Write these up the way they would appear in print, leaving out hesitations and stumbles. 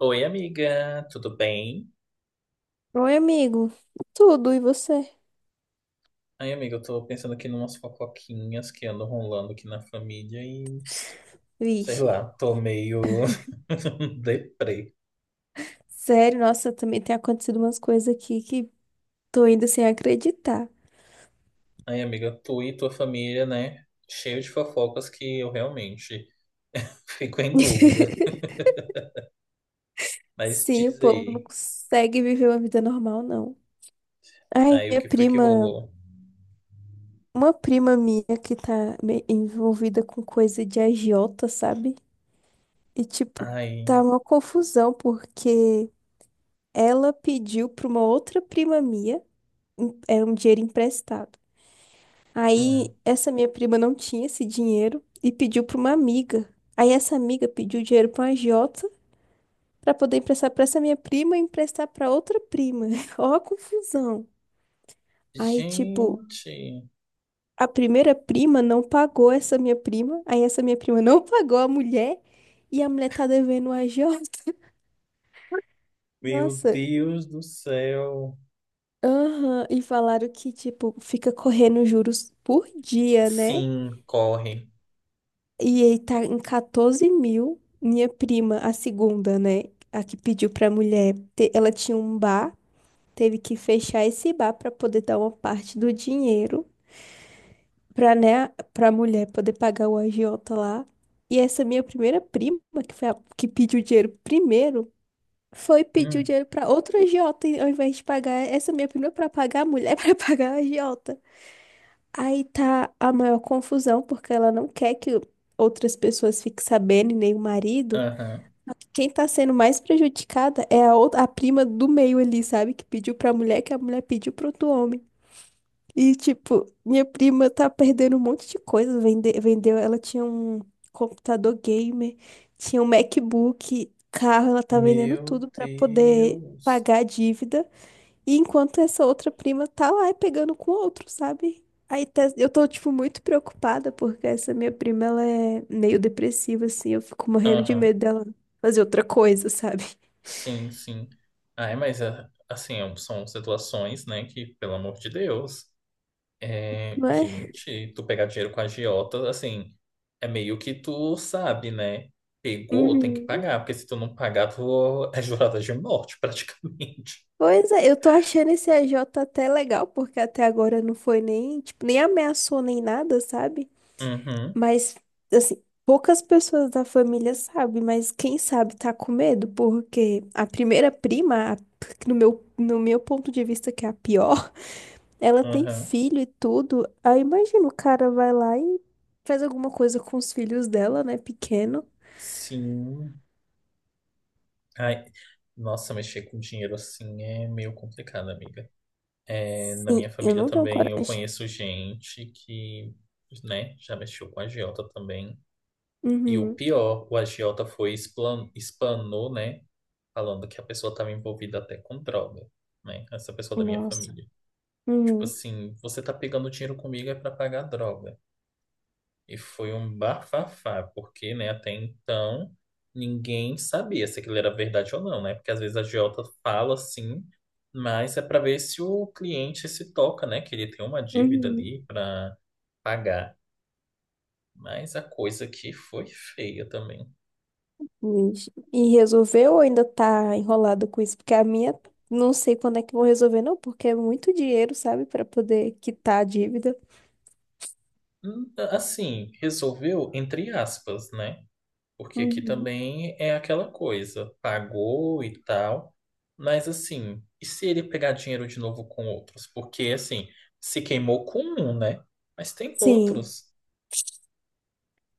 Oi, amiga, tudo bem? Oi, amigo. Tudo, e você? Ai, amiga, eu tô pensando aqui numas fofoquinhas que andam rolando aqui na família e, sei Vixe. lá, tô meio deprê. Sério, nossa, também tem acontecido umas coisas aqui que tô indo sem acreditar. Ai, amiga, tu e tua família, né? Cheio de fofocas que eu realmente fico em dúvida. Mas Sim, o diz povo não aí, consegue viver uma vida normal, não. Ai, aí o minha que foi que prima, rolou? uma prima minha que tá envolvida com coisa de agiota, sabe? E tipo, Ai, tá uma confusão porque ela pediu pra uma outra prima minha, é um dinheiro emprestado. hum. Aí essa minha prima não tinha esse dinheiro e pediu para uma amiga. Aí essa amiga pediu dinheiro para uma agiota para poder emprestar para essa minha prima e emprestar para outra prima. Ó a confusão. Aí tipo, Gente, a primeira prima não pagou essa minha prima, aí essa minha prima não pagou a mulher e a mulher tá devendo a agiota. meu Nossa, Deus do céu. aham, e falaram que tipo fica correndo juros por dia, né? Sim, corre. E ele tá em 14 mil. Minha prima, a segunda, né? A que pediu pra mulher. Ela tinha um bar, teve que fechar esse bar pra poder dar uma parte do dinheiro pra, né, pra mulher poder pagar o agiota lá. E essa minha primeira prima, que foi a que pediu o dinheiro primeiro, foi pedir o Hum, dinheiro pra outra agiota, e ao invés de pagar essa minha prima pra pagar a mulher, pra pagar a agiota. Aí tá a maior confusão, porque ela não quer que outras pessoas fiquem sabendo, e nem o marido. aham. Quem tá sendo mais prejudicada é a outra, a prima do meio ali, sabe? Que pediu pra mulher, que a mulher pediu pro outro homem. E, tipo, minha prima tá perdendo um monte de coisa. Vende, vendeu, ela tinha um computador gamer, tinha um MacBook, carro, ela tá vendendo Meu tudo pra poder Deus. pagar a dívida. E enquanto essa outra prima tá lá e pegando com outro, sabe? Eu tô, tipo, muito preocupada porque essa minha prima, ela é meio depressiva, assim. Eu fico morrendo de Aham. medo dela fazer outra coisa, sabe? Sim, sim. Ai, mas é, assim, são situações, né, que, pelo amor de Deus, é, Mas... gente, tu pegar dinheiro com agiota, assim, é meio que tu sabe, né? Pegou, tem que Uhum. pagar, porque se tu não pagar, tu é jurada de morte, praticamente. Pois é, eu tô achando esse AJ até legal, porque até agora não foi nem, tipo, nem ameaçou nem nada, sabe? Uhum, Mas, assim, poucas pessoas da família sabem, mas quem sabe tá com medo, porque a primeira prima, no meu, ponto de vista, que é a pior. Ela tem uhum. filho e tudo. Aí imagina o cara vai lá e faz alguma coisa com os filhos dela, né? Pequeno. Sim. Ai, nossa, mexer com dinheiro assim é meio complicado, amiga. É, na minha Sim, eu família não tenho também eu coragem. conheço gente que, né, já mexeu com agiota também. E o Uhum. pior, o agiota foi explanou, né, falando que a pessoa estava envolvida até com droga, né, essa pessoa da minha Nossa. família. Tipo Uhum. assim, você tá pegando dinheiro comigo é para pagar droga. E foi um bafafá, porque, né, até então ninguém sabia se aquilo era verdade ou não, né? Porque às vezes a agiota fala assim, mas é para ver se o cliente se toca, né? Que ele tem uma dívida Uhum. ali para pagar. Mas a coisa aqui foi feia também. Vixe. E resolveu ou ainda tá enrolado com isso? Porque a minha, não sei quando é que vão resolver, não, porque é muito dinheiro, sabe, pra poder quitar a dívida. Hum. Assim, resolveu entre aspas, né? Porque aqui Uhum. também é aquela coisa, pagou e tal, mas assim, e se ele pegar dinheiro de novo com outros? Porque assim, se queimou com um, né? Mas tem Sim, outros.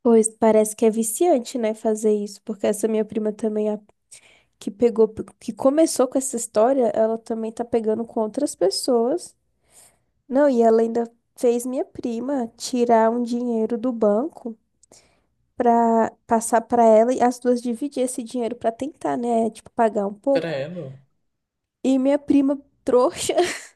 pois parece que é viciante, né, fazer isso, porque essa minha prima também que pegou, que começou com essa história, ela também tá pegando com outras pessoas. Não, e ela ainda fez minha prima tirar um dinheiro do banco pra passar pra ela e as duas dividir esse dinheiro pra tentar, né, tipo pagar um pouco. Credo. E minha prima trouxa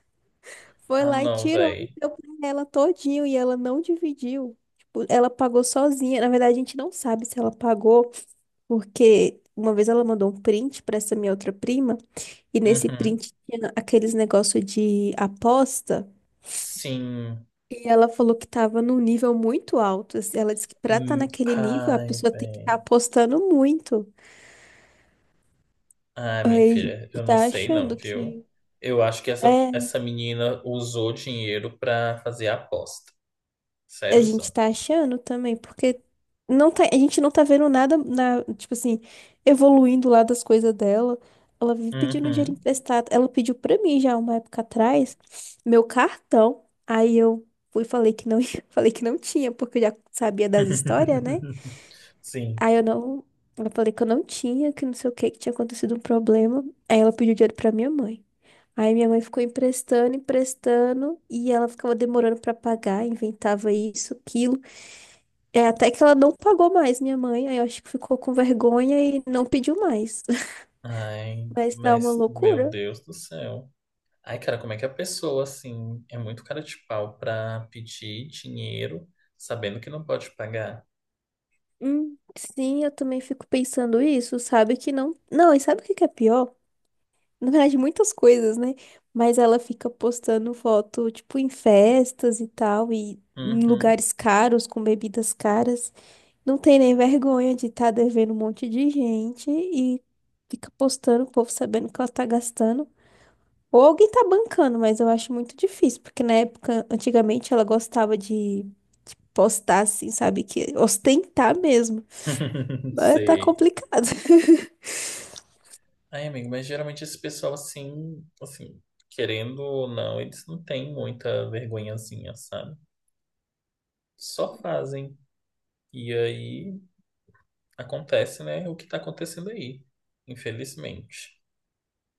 foi Ah, lá e não, tirou e véi. deu pra ela todinho e ela não dividiu. Tipo, ela pagou sozinha. Na verdade, a gente não sabe se ela pagou porque uma vez ela mandou um print pra essa minha outra prima. E nesse Uhum. print tinha aqueles negócio de aposta. Sim. E ela falou que tava num nível muito alto, assim. Ela disse que pra estar Hum. naquele nível, a Ai, pessoa tem que estar véi. apostando muito. Ah, minha Aí filha, eu não tá sei não, achando viu? que. Eu acho que essa, É, essa menina usou dinheiro pra fazer a aposta. a gente Sériozão. tá achando também, porque não tá, a gente não tá vendo nada na, tipo assim, evoluindo lá das coisas dela. Ela vive pedindo dinheiro Uhum. emprestado. Ela pediu pra mim já uma época atrás meu cartão. Aí eu fui e falei que não, falei que não tinha, porque eu já sabia das histórias, né? Sim. Aí eu não, eu falei que eu não tinha, que não sei o que, que tinha acontecido um problema. Aí ela pediu dinheiro pra minha mãe. Aí minha mãe ficou emprestando, emprestando, e ela ficava demorando pra pagar, inventava isso, aquilo. É, até que ela não pagou mais minha mãe, aí eu acho que ficou com vergonha e não pediu mais. Ai, Mas tá uma mas, meu loucura. Deus do céu. Ai, cara, como é que a pessoa, assim, é muito cara de pau pra pedir dinheiro sabendo que não pode pagar? Sim, eu também fico pensando isso, sabe que não. Não, e sabe o que que é pior? Na verdade, muitas coisas, né? Mas ela fica postando foto, tipo, em festas e tal, e em Uhum. lugares caros, com bebidas caras. Não tem nem vergonha de estar devendo um monte de gente e fica postando o povo sabendo que ela tá gastando. Ou alguém tá bancando, mas eu acho muito difícil, porque na época, antigamente, ela gostava de postar assim, sabe? Que ostentar mesmo. Mas tá Sei. complicado. Ai, amigo, mas geralmente esse pessoal, assim, querendo ou não, eles não têm muita vergonhazinha, sabe? Só fazem. E aí acontece, né, o que tá acontecendo aí, infelizmente.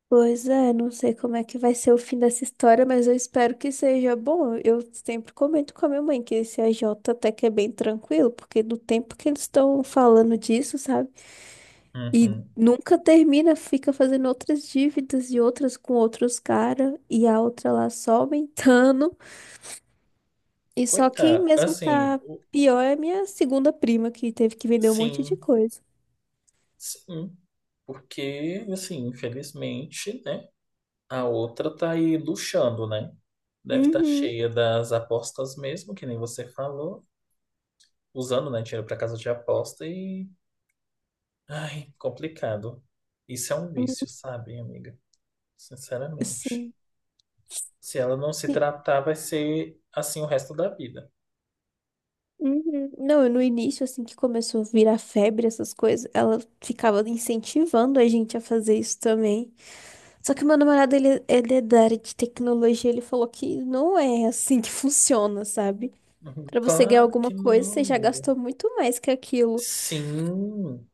Pois é, não sei como é que vai ser o fim dessa história, mas eu espero que seja bom. Eu sempre comento com a minha mãe que esse AJ até que é bem tranquilo, porque do tempo que eles estão falando disso, sabe? E Uhum. nunca termina, fica fazendo outras dívidas e outras com outros caras, e a outra lá só aumentando. E só quem Coitado, mesmo assim, tá pior é minha segunda prima, que teve que vender um monte de sim. coisa. Sim, porque, assim, infelizmente, né? A outra tá aí luxando, né? Deve estar Uhum. cheia das apostas mesmo, que nem você falou, usando, né, dinheiro para casa de aposta e. Ai, complicado. Isso é um Uhum. vício, sabe, amiga? Sinceramente. Sim. Se ela não se Sim. tratar, vai ser assim o resto da vida. Uhum. Não, no início, assim que começou a virar febre, essas coisas, ela ficava incentivando a gente a fazer isso também. Só que meu namorado, ele é da área de tecnologia, ele falou que não é assim que funciona, sabe? Pra você ganhar Claro que alguma coisa, não, você já amiga. gastou muito mais que aquilo. Sim.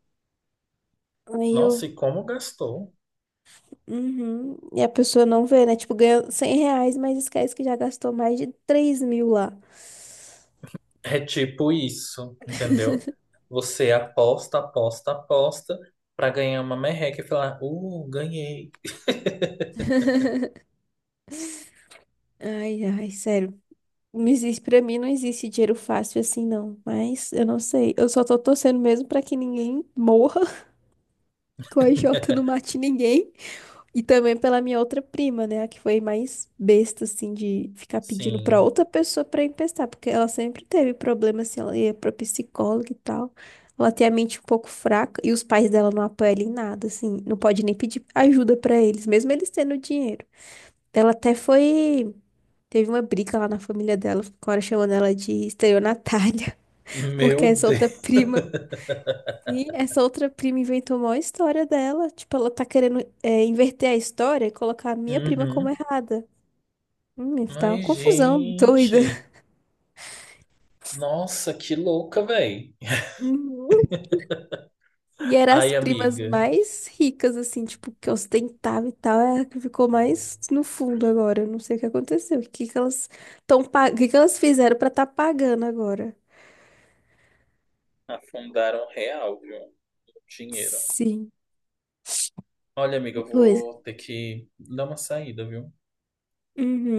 Aí Nossa, eu e como gastou? Uhum. E a pessoa não vê, né? Tipo, ganha 100 reais, mas esquece que já gastou mais de 3 mil lá. É tipo isso, entendeu? Você aposta, aposta, aposta pra ganhar uma merreca e falar, ganhei. Ai, ai, sério. Não existe, pra mim não existe dinheiro fácil assim, não. Mas eu não sei. Eu só tô torcendo mesmo pra que ninguém morra, que o AJ não mate ninguém. E também pela minha outra prima, né? A que foi mais besta, assim, de ficar pedindo pra Sim. outra pessoa pra emprestar, porque ela sempre teve problema, assim, ela ia pra psicóloga e tal. Ela tem a mente um pouco fraca e os pais dela não apoiam ela em nada, assim, não pode nem pedir ajuda pra eles, mesmo eles tendo dinheiro. Ela até foi. Teve uma briga lá na família dela, agora chamando ela de estelionatária, porque Meu essa outra Deus. prima. Sim, essa outra prima inventou uma história dela. Tipo, ela tá querendo é, inverter a história e colocar a minha prima como Uhum. errada. Tá uma Mas, confusão doida. gente, nossa, que louca, velho. Uhum. E eram as Ai, primas amiga, mais ricas, assim, tipo, que ostentava e tal. É a que ficou mais no fundo agora. Eu não sei o que aconteceu. O que que elas o que que elas fizeram pra tá pagando agora? afundaram real, viu? Dinheiro. Sim. Olha, amiga, eu Pois. vou ter que dar uma saída, viu?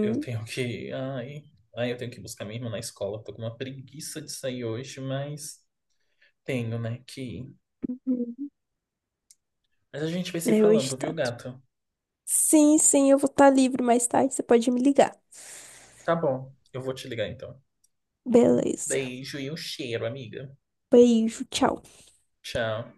Eu tenho que. Ai, ai, eu tenho que buscar minha irmã na escola. Tô com uma preguiça de sair hoje, mas. Tenho, né? Que. Uhum. Mas a gente vai se É o falando, viu, estado. gato? Sim, sim, eu vou estar livre mais tarde. Você pode me ligar. Tá bom, eu vou te ligar então. Um Beleza. beijo e um cheiro, amiga. Beijo, tchau. Tchau.